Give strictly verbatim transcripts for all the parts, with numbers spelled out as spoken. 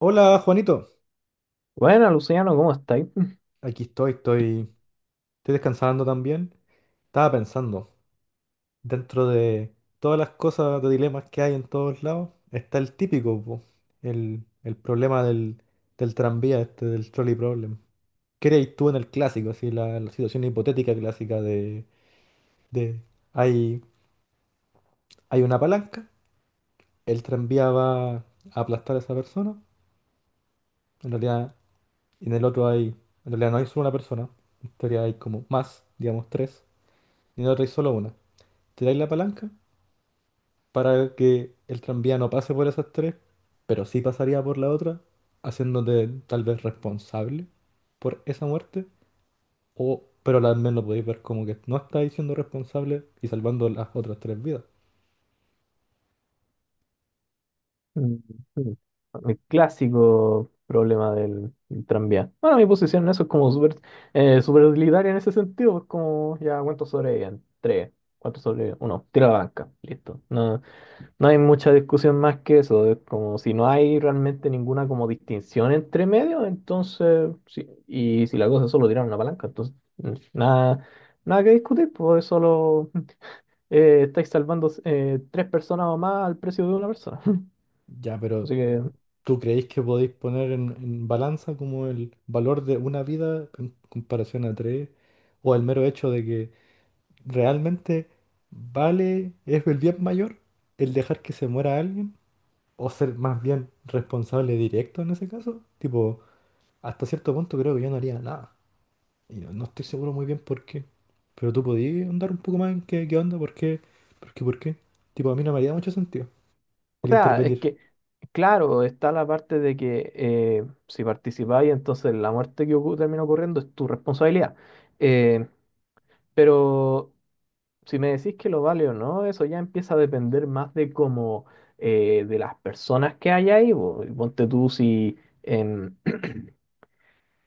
Hola Juanito, Bueno, Luciano, ¿cómo estáis? aquí estoy, estoy, estoy descansando también. Estaba pensando, dentro de todas las cosas de dilemas que hay en todos lados, está el típico, po, el, el problema del, del tranvía, este, del trolley problem. ¿Qué harías tú en el clásico, así, la, la situación hipotética clásica de, de hay, hay una palanca, el tranvía va a aplastar a esa persona, en realidad, en el otro hay, en realidad no hay solo una persona, en teoría hay como más, digamos tres, y en el otro hay solo una. Tiráis la palanca para que el tranvía no pase por esas tres, pero sí pasaría por la otra, haciéndote tal vez responsable por esa muerte, o, pero al menos podéis ver como que no estáis siendo responsable y salvando las otras tres vidas. Mm, mm. El clásico problema del, del tranvía. Bueno, mi posición en eso es como súper eh, súper utilitaria en ese sentido. Es como, ya, ¿cuántos sobreviven? Tres. ¿Cuántos sobreviven? Uno. Tira la banca. Listo. No, no hay mucha discusión más que eso. Es como si no hay realmente ninguna como distinción entre medios, entonces, sí. Y si la cosa es solo tirar una palanca, entonces, mm, nada, nada que discutir, pues es solo. Eh, estáis salvando eh, tres personas o más al precio de una persona. Ya, pero Así que, o ¿tú creéis que podéis poner en, en balanza como el valor de una vida en comparación a tres? ¿O el mero hecho de que realmente vale, es el bien mayor el dejar que se muera alguien? O ser más bien responsable directo en ese caso. Tipo, hasta cierto punto creo que yo no haría nada. Y no, no estoy seguro muy bien por qué. Pero tú podías andar un poco más en qué, qué onda, por qué, por qué, por qué. Tipo, a mí no me haría mucho sentido el sea, es intervenir. que, claro, está la parte de que eh, si participáis, entonces la muerte que ocu- termina ocurriendo es tu responsabilidad. Eh, pero si me decís que lo vale o no, eso ya empieza a depender más de cómo, eh, de las personas que hay ahí. Po. Ponte tú si...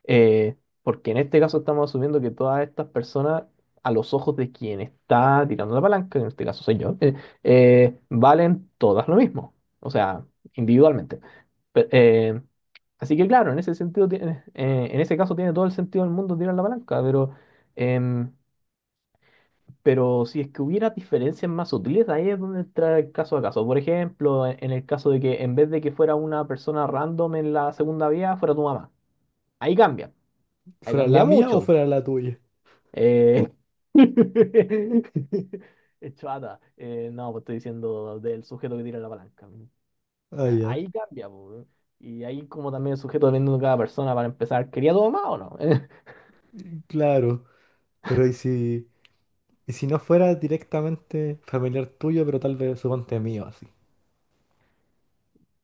Eh, Porque en este caso estamos asumiendo que todas estas personas, a los ojos de quien está tirando la palanca, en este caso soy yo, eh, eh, valen todas lo mismo, o sea, individualmente. Pe- eh, Así que claro, en ese sentido tiene- eh, en ese caso tiene todo el sentido del mundo tirar la palanca, pero, em, pero si es que hubiera diferencias más sutiles, ahí es donde entra el caso a caso. Por ejemplo, en en el caso de que en vez de que fuera una persona random en la segunda vía, fuera tu mamá. Ahí cambia, ahí ¿Fuera cambia la mía o mucho. fuera la tuya? Eh, Chuata. Eh, no, pues estoy diciendo del sujeto que tira la palanca. Ah, Ah, ya. ahí cambia, po, y ahí como también el sujeto depende de cada persona para empezar, ¿quería tu mamá o no? Mm, claro. Pero ¿y si, y si no fuera directamente familiar tuyo, pero tal vez suponte mío, así?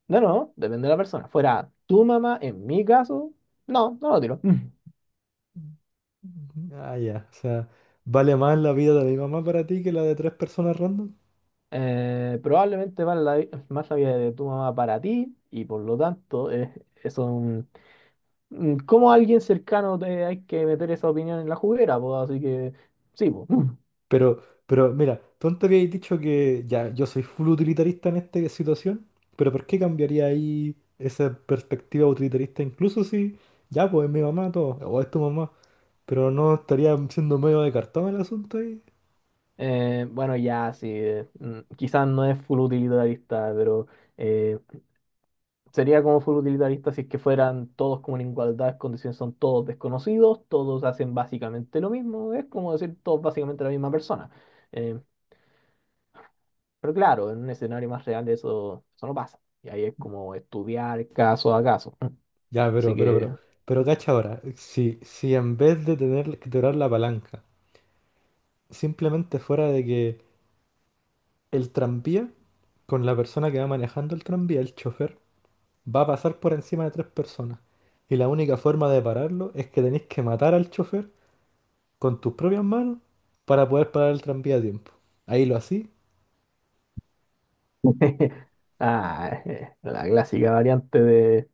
no, no, depende de la persona. Fuera tu mamá, en mi caso, no, no lo tiro. Mm. Ah, ya. O sea, ¿vale más la vida de mi mamá para ti que la de tres personas random? Eh, probablemente vale la vi- más la vida de tu mamá para ti y por lo tanto eh, eso es un- mm, como alguien cercano te hay que meter esa opinión en la juguera, po, así que sí, po. Pero, pero mira, tú antes habías dicho que ya yo soy full utilitarista en esta situación, pero ¿por qué cambiaría ahí esa perspectiva utilitarista? Incluso si ya pues es mi mamá todo, o es tu mamá, pero no estaría siendo medio de cartón el asunto ahí. Eh, bueno, ya, sí. Eh, mm, quizás no es full utilitarista, pero eh, sería como full utilitarista si es que fueran todos como en igualdad de condiciones, son todos desconocidos, todos hacen básicamente lo mismo, es como decir todos básicamente la misma persona. Eh, pero claro, en un escenario más real eso, eso no pasa. Y ahí es como estudiar caso a caso. Ya, pero, Así pero, que pero, pero cacha ahora, si, si en vez de tener que tirar la palanca, simplemente fuera de que el, tranvía, con la persona que va manejando el tranvía, el chofer, va a pasar por encima de tres personas. Y la única forma de pararlo es que tenéis que matar al chofer con tus propias manos para poder parar el tranvía a tiempo. Ahí lo así. Ah, eh, la clásica variante de,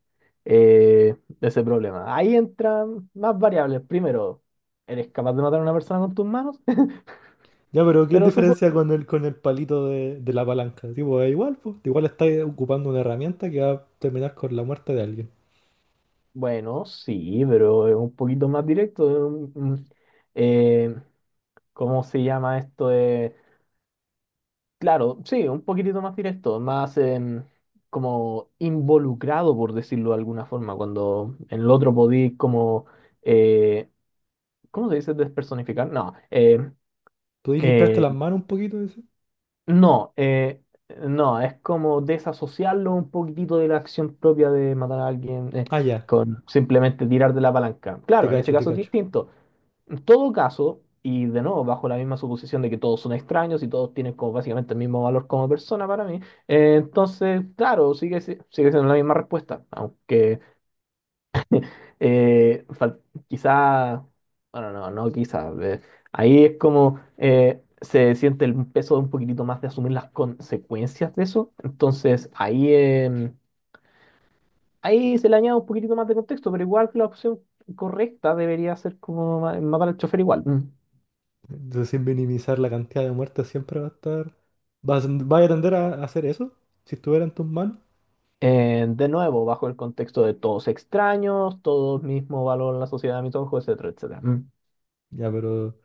eh, de ese problema. Ahí entran más variables. Primero, ¿eres capaz de matar a una persona con tus manos? Ya, pero ¿qué Pero supo... diferencia con el, con el palito de, de la palanca? Tipo, es igual, pues. Igual estáis ocupando una herramienta que va a terminar con la muerte de alguien. Bueno, sí, pero es un poquito más directo. Es un- un- eh, ¿cómo se llama esto? De- claro, sí, un poquitito más directo, más em, como involucrado, por decirlo de alguna forma, cuando en el otro podí como... eh, ¿Cómo se dice despersonificar? No. em, ¿Podéis limpiarte Eh, las manos un poquito? Dice? no, eh, no, es como desasociarlo un poquitito de la acción propia de matar a alguien eh, Ah, ya, con simplemente tirar de la palanca. te Claro, en ese cacho, te caso es cacho. distinto. En todo caso, y de nuevo, bajo la misma suposición de que todos son extraños y todos tienen como básicamente el mismo valor como persona para mí, eh, entonces, claro, sigue, si- sigue siendo la misma respuesta, aunque Eh, fal- quizá, bueno, no, no quizá. Eh, ahí es como eh, se siente el peso de un poquitito más de asumir las consecuencias de eso. Entonces, ahí, em, ahí se le añade un poquitito más de contexto, pero igual que la opción correcta debería ser como ma- matar al chofer igual. Mm. Entonces, sin minimizar la cantidad de muertes, siempre va a estar. ¿Vas, vas a tender a, a hacer eso? Si estuviera en tus manos. Eh, de nuevo, bajo el contexto de todos extraños, todos mismo valor en la sociedad de mis ojos, etcétera, etcétera. Ya, pero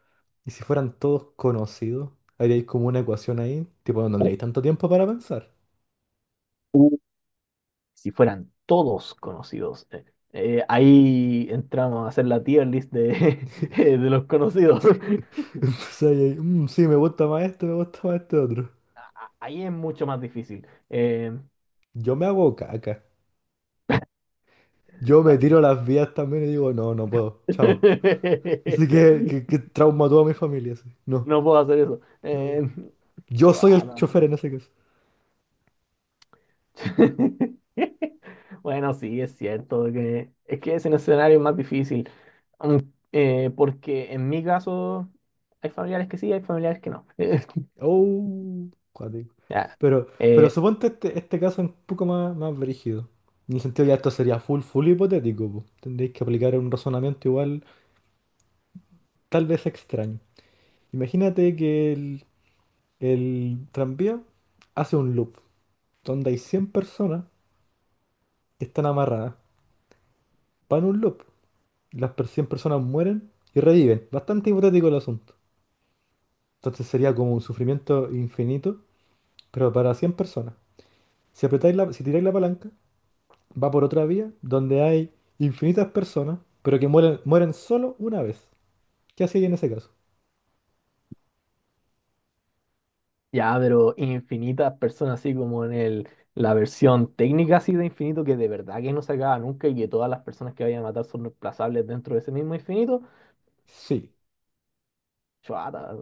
Y si fueran todos conocidos, haríais como una ecuación ahí, tipo, no tendríais tanto tiempo para pensar. Mm. Si fueran todos conocidos. Eh, eh, ahí entramos a hacer la tier list de, de los conocidos. Entonces ahí, hay, "Mm, sí, me gusta más este, me gusta más este otro. Ahí es mucho más difícil. Eh, Yo me hago caca. Yo Está me bien. tiro las vías también y digo, no, no puedo, chao. Y sé que, que, que trauma a toda mi familia, así. No, No puedo hacer eso. no. Eh, Yo soy el Chuada. chofer en ese caso. Bueno, sí, es cierto que es que ese escenario es más difícil. Mm, eh, Porque en mi caso hay familiares que sí, hay familiares que no. Oh, cuático. Ya. Pero, pero Eh, suponte este, este caso un poco más, más brígido. En el sentido ya esto sería full, full hipotético, po. Tendréis que aplicar un razonamiento igual, tal vez extraño. Imagínate que el, el tranvía hace un loop donde hay cien personas que están amarradas. Van a un loop. Las per- cien personas mueren y reviven. Bastante hipotético el asunto. Entonces sería como un sufrimiento infinito, pero para cien personas. Si apretáis la, si tiráis la palanca, va por otra vía donde hay infinitas personas, pero que mueren, mueren solo una vez. ¿Qué hacéis en ese caso? Ya, pero infinitas personas, así como en el, la versión técnica así de infinito, que de verdad que no se acaba nunca y que todas las personas que vayan a matar son reemplazables dentro de ese mismo infinito, Sí. Chuata,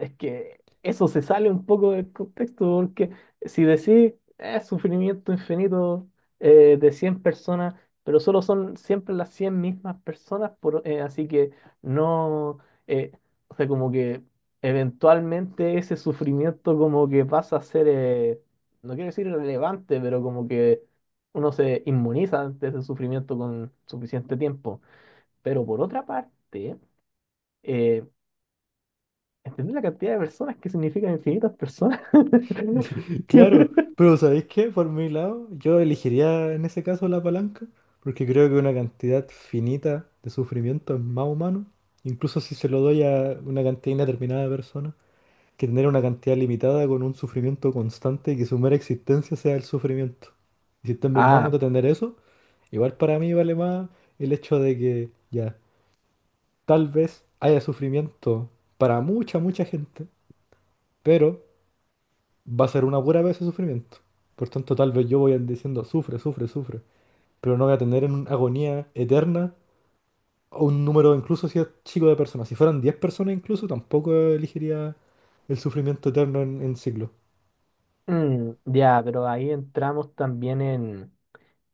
es que eso se sale un poco del contexto, porque si decís es sufrimiento infinito eh, de cien personas, pero solo son siempre las cien mismas personas, por- eh, así que no, eh, o sea, como que eventualmente ese sufrimiento como que pasa a ser, eh, no quiero decir relevante, pero como que uno se inmuniza ante ese sufrimiento con suficiente tiempo. Pero por otra parte, eh, ¿Entendés la cantidad de personas que significa infinitas personas? Claro, pero ¿sabéis qué? Por mi lado, yo elegiría en ese caso la palanca, porque creo que una cantidad finita de sufrimiento es más humano, incluso si se lo doy a una cantidad indeterminada de personas, que tener una cantidad limitada con un sufrimiento constante y que su mera existencia sea el sufrimiento. Y si está en mis manos Ah, de tener eso, igual para mí vale más el hecho de que ya, tal vez haya sufrimiento para mucha, mucha gente, pero va a ser una pura vez de sufrimiento. Por tanto, tal vez yo voy a ir diciendo, sufre, sufre, sufre, pero no voy a tener en agonía eterna o un número, incluso si es chico de personas. Si fueran diez personas incluso, tampoco elegiría el sufrimiento eterno en, en ciclo. mm, ya, pero ahí entramos también en,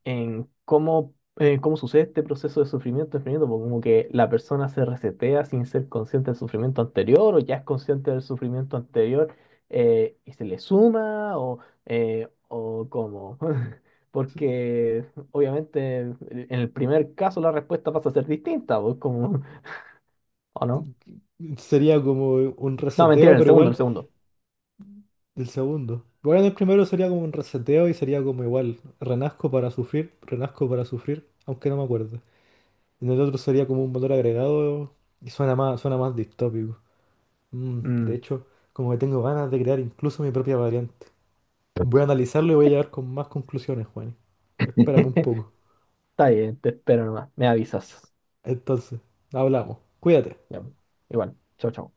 en cómo, eh, cómo sucede este proceso de sufrimiento infinito, porque como que la persona se resetea sin ser consciente del sufrimiento anterior, o ya es consciente del sufrimiento anterior eh, y se le suma, o, eh, o cómo. Porque obviamente en el primer caso la respuesta pasa a ser distinta, pues como, ¿o no? Sería como un No, mentira, reseteo, en el pero segundo, en el igual segundo. del segundo. Igual del primero sería como un reseteo y sería como igual, renazco para sufrir, renazco para sufrir, aunque no me acuerdo. En el otro sería como un motor agregado y suena más, suena más distópico. Mm, de Mm, hecho, como que tengo ganas de crear incluso mi propia variante. Voy a analizarlo y voy a llegar con más conclusiones, Juan. Espérame un poco. está bien, te espero nomás. Me avisas. Entonces, hablamos. Cuídate. Ya, igual, chao, chao.